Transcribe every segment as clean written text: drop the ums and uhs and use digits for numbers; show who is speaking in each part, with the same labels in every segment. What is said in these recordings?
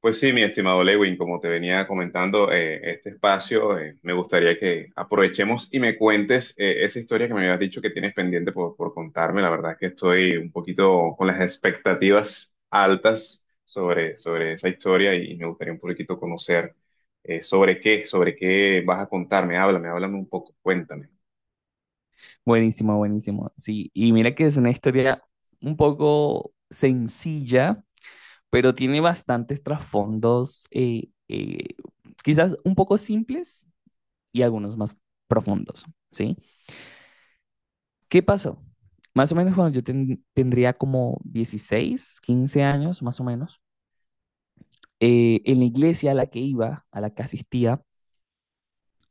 Speaker 1: Pues sí, mi estimado Lewin, como te venía comentando, este espacio me gustaría que aprovechemos y me cuentes esa historia que me habías dicho que tienes pendiente por contarme. La verdad es que estoy un poquito con las expectativas altas sobre esa historia y me gustaría un poquito conocer sobre qué vas a contarme. Háblame un poco, cuéntame.
Speaker 2: Buenísimo, buenísimo. Sí, y mira que es una historia un poco sencilla, pero tiene bastantes trasfondos, quizás un poco simples y algunos más profundos, ¿sí? ¿Qué pasó? Más o menos cuando yo tendría como 16 15 años, más o menos, en la iglesia a la que iba, a la que asistía,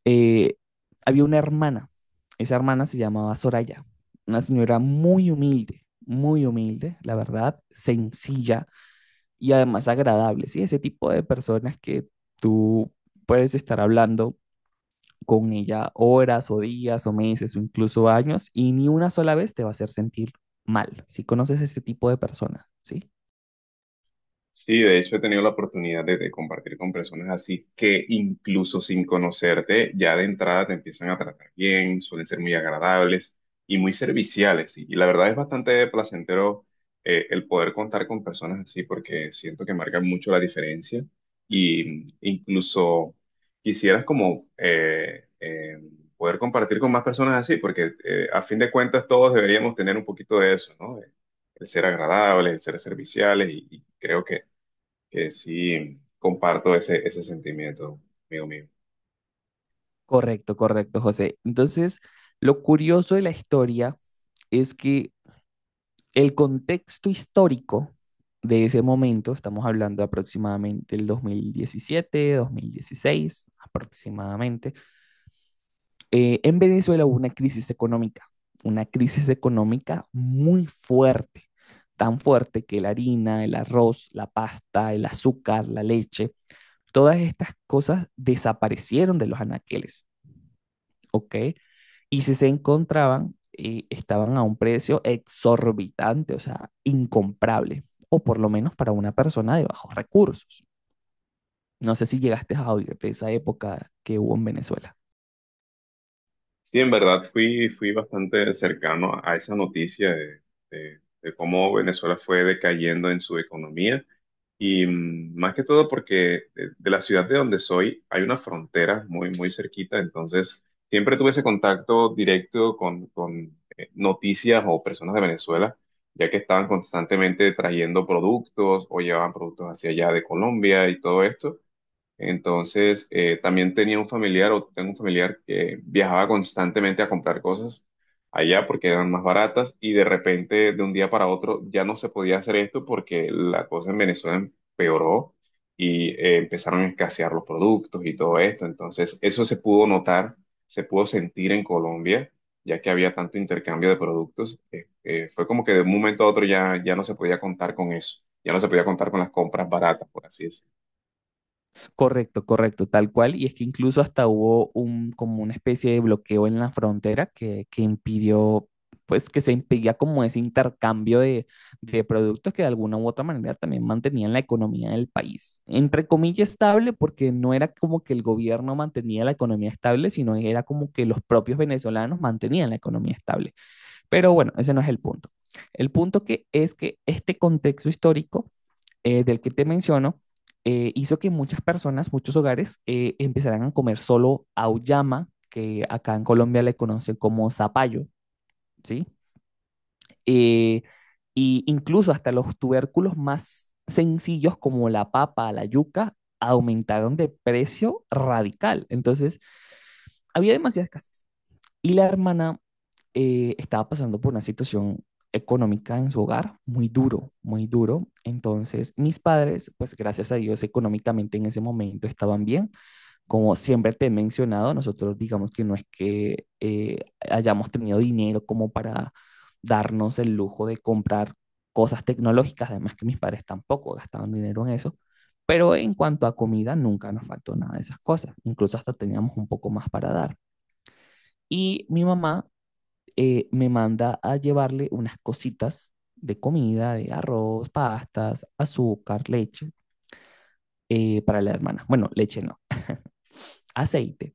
Speaker 2: eh, había una hermana, esa hermana se llamaba Soraya, una señora muy humilde, la verdad, sencilla y además agradable, ¿sí? Ese tipo de personas que tú puedes estar hablando con ella horas o días o meses o incluso años y ni una sola vez te va a hacer sentir mal, si conoces ese tipo de personas, ¿sí?
Speaker 1: Sí, de hecho he tenido la oportunidad de compartir con personas así que incluso sin conocerte, ya de entrada te empiezan a tratar bien, suelen ser muy agradables y muy serviciales. Y la verdad es bastante placentero el poder contar con personas así porque siento que marcan mucho la diferencia y incluso quisieras como poder compartir con más personas así porque a fin de cuentas todos deberíamos tener un poquito de eso, ¿no? El ser agradables, el ser serviciales, y creo que sí comparto ese sentimiento, amigo mío.
Speaker 2: Correcto, correcto, José. Entonces, lo curioso de la historia es que el contexto histórico de ese momento, estamos hablando aproximadamente del 2017, 2016, aproximadamente, en Venezuela hubo una crisis económica muy fuerte, tan fuerte que la harina, el arroz, la pasta, el azúcar, la leche, todas estas cosas desaparecieron de los anaqueles, ¿ok? Y si se encontraban, estaban a un precio exorbitante, o sea, incomprable, o por lo menos para una persona de bajos recursos. No sé si llegaste a oír de esa época que hubo en Venezuela.
Speaker 1: Sí, en verdad fui bastante cercano a esa noticia de cómo Venezuela fue decayendo en su economía y más que todo porque de la ciudad de donde soy hay una frontera muy cerquita, entonces siempre tuve ese contacto directo con noticias o personas de Venezuela, ya que estaban constantemente trayendo productos o llevaban productos hacia allá de Colombia y todo esto. Entonces, también tenía un familiar o tengo un familiar que viajaba constantemente a comprar cosas allá porque eran más baratas y de repente, de un día para otro, ya no se podía hacer esto porque la cosa en Venezuela empeoró y empezaron a escasear los productos y todo esto. Entonces, eso se pudo notar, se pudo sentir en Colombia, ya que había tanto intercambio de productos. Fue como que de un momento a otro ya no se podía contar con eso, ya no se podía contar con las compras baratas, por así decirlo.
Speaker 2: Correcto, correcto, tal cual. Y es que incluso hasta hubo un, como una especie de bloqueo en la frontera que impidió, pues que se impedía como ese intercambio de productos que de alguna u otra manera también mantenían la economía del país. Entre comillas estable, porque no era como que el gobierno mantenía la economía estable, sino era como que los propios venezolanos mantenían la economía estable. Pero bueno, ese no es el punto. El punto que es que este contexto histórico del que te menciono hizo que muchas personas, muchos hogares, empezaran a comer solo auyama, que acá en Colombia le conocen como zapallo, ¿sí? Eh, y incluso hasta los tubérculos más sencillos como la papa, la yuca, aumentaron de precio radical. Entonces, había demasiada escasez. Y la hermana estaba pasando por una situación económica en su hogar muy duro, muy duro. Entonces, mis padres, pues gracias a Dios, económicamente en ese momento estaban bien. Como siempre te he mencionado, nosotros digamos que no es que hayamos tenido dinero como para darnos el lujo de comprar cosas tecnológicas, además que mis padres tampoco gastaban dinero en eso. Pero en cuanto a comida, nunca nos faltó nada de esas cosas. Incluso hasta teníamos un poco más para dar. Y mi mamá me manda a llevarle unas cositas de comida, de arroz, pastas, azúcar, leche, para la hermana. Bueno, leche no, aceite.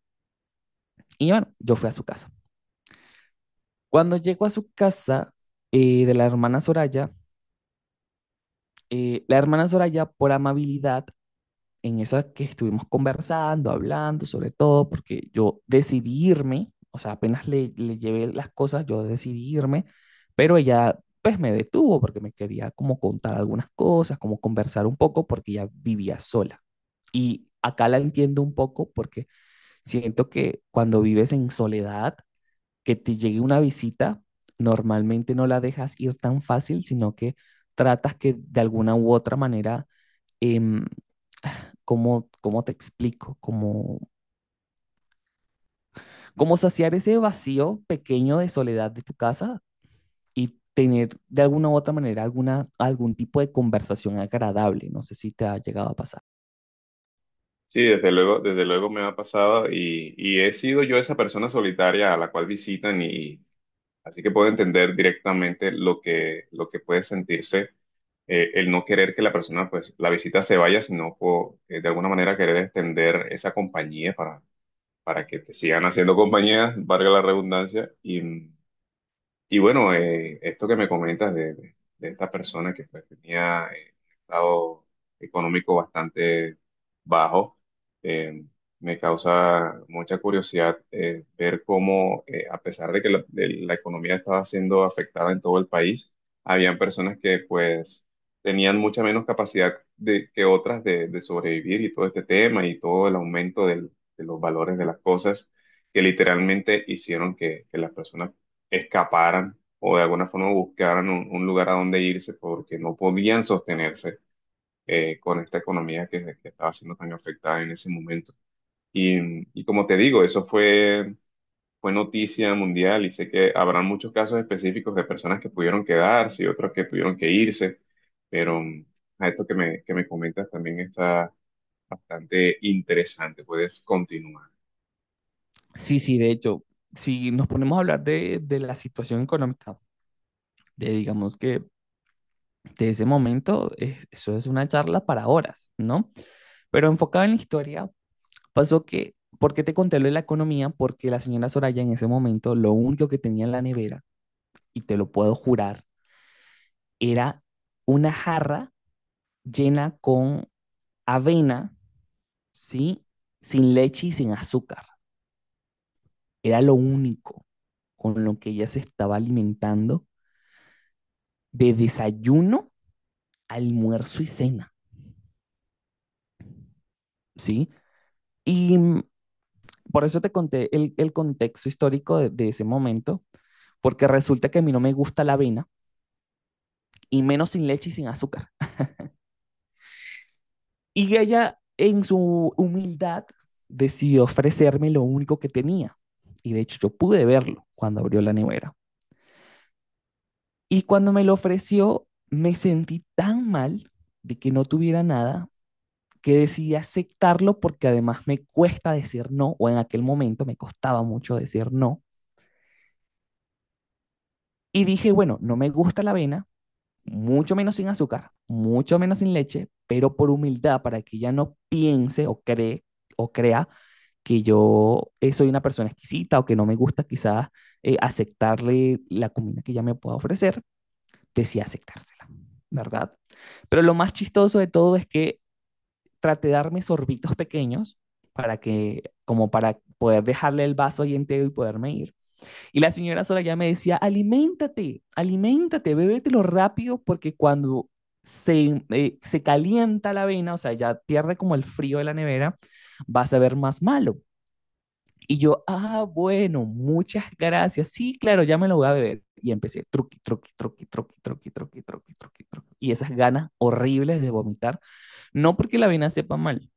Speaker 2: Y bueno, yo fui a su casa. Cuando llego a su casa de la hermana Soraya, por amabilidad, en esa que estuvimos conversando, hablando sobre todo, porque yo decidí irme, o sea, apenas le llevé las cosas, yo decidí irme, pero ella pues me detuvo porque me quería como contar algunas cosas, como conversar un poco, porque ella vivía sola. Y acá la entiendo un poco porque siento que cuando vives en soledad, que te llegue una visita, normalmente no la dejas ir tan fácil, sino que tratas que de alguna u otra manera em, ¿cómo, cómo te explico? ¿Cómo, cómo saciar ese vacío pequeño de soledad de tu casa y tener de alguna u otra manera alguna, algún tipo de conversación agradable? No sé si te ha llegado a pasar.
Speaker 1: Sí, desde luego me ha pasado, y he sido yo esa persona solitaria a la cual visitan, y así que puedo entender directamente lo que puede sentirse el no querer que la persona, pues la visita, se vaya, sino de alguna manera querer extender esa compañía para que te sigan haciendo compañía, valga la redundancia, y bueno, esto que me comentas de esta persona que, pues, tenía un estado económico bastante bajo, eh, me causa mucha curiosidad ver cómo, a pesar de que la economía estaba siendo afectada en todo el país, habían personas que pues tenían mucha menos capacidad que otras de sobrevivir, y todo este tema y todo el aumento de los valores de las cosas, que literalmente hicieron que las personas escaparan o de alguna forma buscaran un lugar a donde irse porque no podían sostenerse con esta economía que estaba siendo tan afectada en ese momento. Y y como te digo, eso fue noticia mundial, y sé que habrán muchos casos específicos de personas que pudieron quedarse y otros que tuvieron que irse, pero a esto que me comentas, también está bastante interesante. Puedes continuar.
Speaker 2: Sí, sí, de hecho, si nos ponemos a hablar de la situación económica, de digamos que de ese momento, eso es una charla para horas, ¿no? Pero enfocada en la historia, pasó que, ¿por qué te conté lo de la economía? Porque la señora Soraya en ese momento lo único que tenía en la nevera, y te lo puedo jurar, era una jarra llena con avena, ¿sí? Sin leche y sin azúcar. Era lo único con lo que ella se estaba alimentando de desayuno, almuerzo y cena, ¿sí? Y por eso te conté el contexto histórico de ese momento, porque resulta que a mí no me gusta la avena, y menos sin leche y sin azúcar. Y ella, en su humildad, decidió ofrecerme lo único que tenía. Y de hecho, yo pude verlo cuando abrió la nevera. Y cuando me lo ofreció, me sentí tan mal de que no tuviera nada que decidí aceptarlo porque además me cuesta decir no, o en aquel momento me costaba mucho decir no. Y dije, bueno, no me gusta la avena, mucho menos sin azúcar, mucho menos sin leche, pero por humildad, para que ella no piense o cree o crea que yo soy una persona exquisita o que no me gusta quizás aceptarle la comida que ella me pueda ofrecer, decía aceptársela, ¿verdad? Pero lo más chistoso de todo es que traté de darme sorbitos pequeños para que, como para poder dejarle el vaso y entero y poderme ir. Y la señora sola ya me decía, aliméntate, aliméntate, bébetelo rápido porque cuando se, se calienta la avena, o sea, ya pierde como el frío de la nevera, vas a ver más malo. Y yo, ah, bueno, muchas gracias. Sí, claro, ya me lo voy a beber. Y empecé, truqui, truqui, truqui, truqui, truqui, truqui, truqui, truqui, truqui. Y esas ganas horribles de vomitar, no porque la avena sepa mal,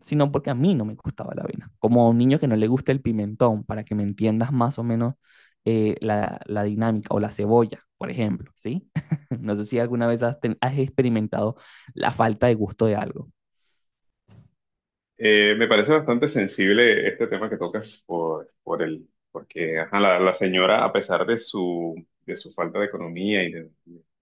Speaker 2: sino porque a mí no me gustaba la avena. Como a un niño que no le gusta el pimentón, para que me entiendas más o menos la dinámica, o la cebolla, por ejemplo, ¿sí? No sé si alguna vez has experimentado la falta de gusto de algo.
Speaker 1: Me parece bastante sensible este tema que tocas por el, porque ajá, la señora, a pesar de su falta de economía y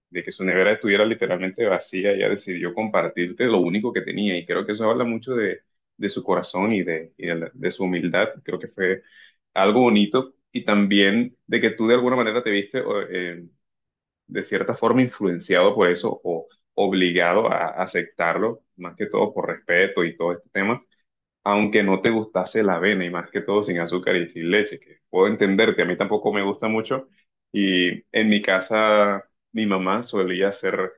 Speaker 1: de que su nevera estuviera literalmente vacía, ella decidió compartirte lo único que tenía. Y creo que eso habla mucho de su corazón y de, de su humildad. Creo que fue algo bonito, y también de que tú de alguna manera te viste o, de cierta forma influenciado por eso, o obligado a aceptarlo, más que todo por respeto y todo este tema, aunque no te gustase la avena y más que todo sin azúcar y sin leche, que puedo entenderte, a mí tampoco me gusta mucho. Y en mi casa mi mamá solía hacer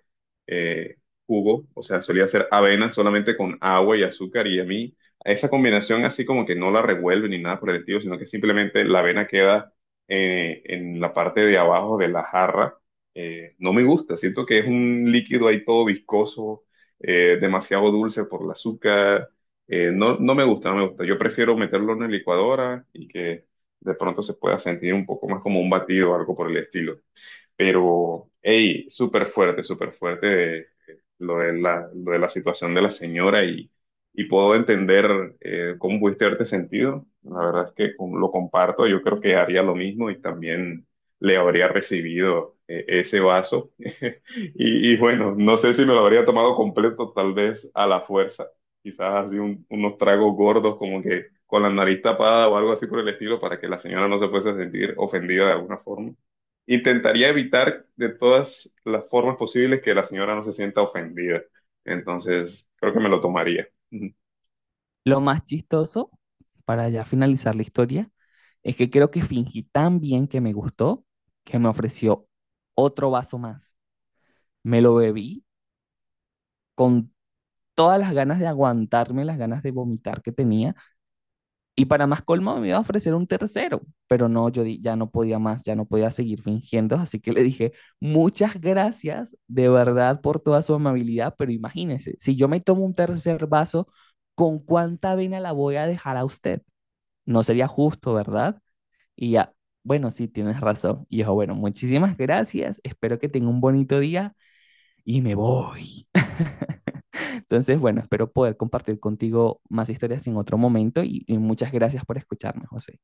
Speaker 1: eh, jugo, o sea, solía hacer avena solamente con agua y azúcar, y a mí esa combinación así como que no la revuelve ni nada por el estilo, sino que simplemente la avena queda en la parte de abajo de la jarra. No me gusta, siento que es un líquido ahí todo viscoso, demasiado dulce por el azúcar, no me gusta, no me gusta. Yo prefiero meterlo en la licuadora y que de pronto se pueda sentir un poco más como un batido o algo por el estilo. Pero, hey, súper fuerte, súper fuerte, lo de la situación de la señora, y puedo entender cómo pudiste haberte sentido. La verdad es que lo comparto, yo creo que haría lo mismo, y también le habría recibido ese vaso. Y bueno, no sé si me lo habría tomado completo, tal vez a la fuerza, quizás así unos tragos gordos como que con la nariz tapada o algo así por el estilo, para que la señora no se fuese a sentir ofendida de alguna forma. Intentaría evitar de todas las formas posibles que la señora no se sienta ofendida. Entonces, creo que me lo tomaría.
Speaker 2: Lo más chistoso, para ya finalizar la historia, es que creo que fingí tan bien que me gustó que me ofreció otro vaso más. Me lo bebí con todas las ganas de aguantarme, las ganas de vomitar que tenía, y para más colmo me iba a ofrecer un tercero, pero no, ya no podía más, ya no podía seguir fingiendo, así que le dije, muchas gracias de verdad por toda su amabilidad, pero imagínese, si yo me tomo un tercer vaso, ¿con cuánta vena la voy a dejar a usted? No sería justo, ¿verdad? Y ya, bueno, sí, tienes razón. Y dijo, bueno, muchísimas gracias, espero que tenga un bonito día y me voy. Entonces, bueno, espero poder compartir contigo más historias en otro momento y muchas gracias por escucharme, José.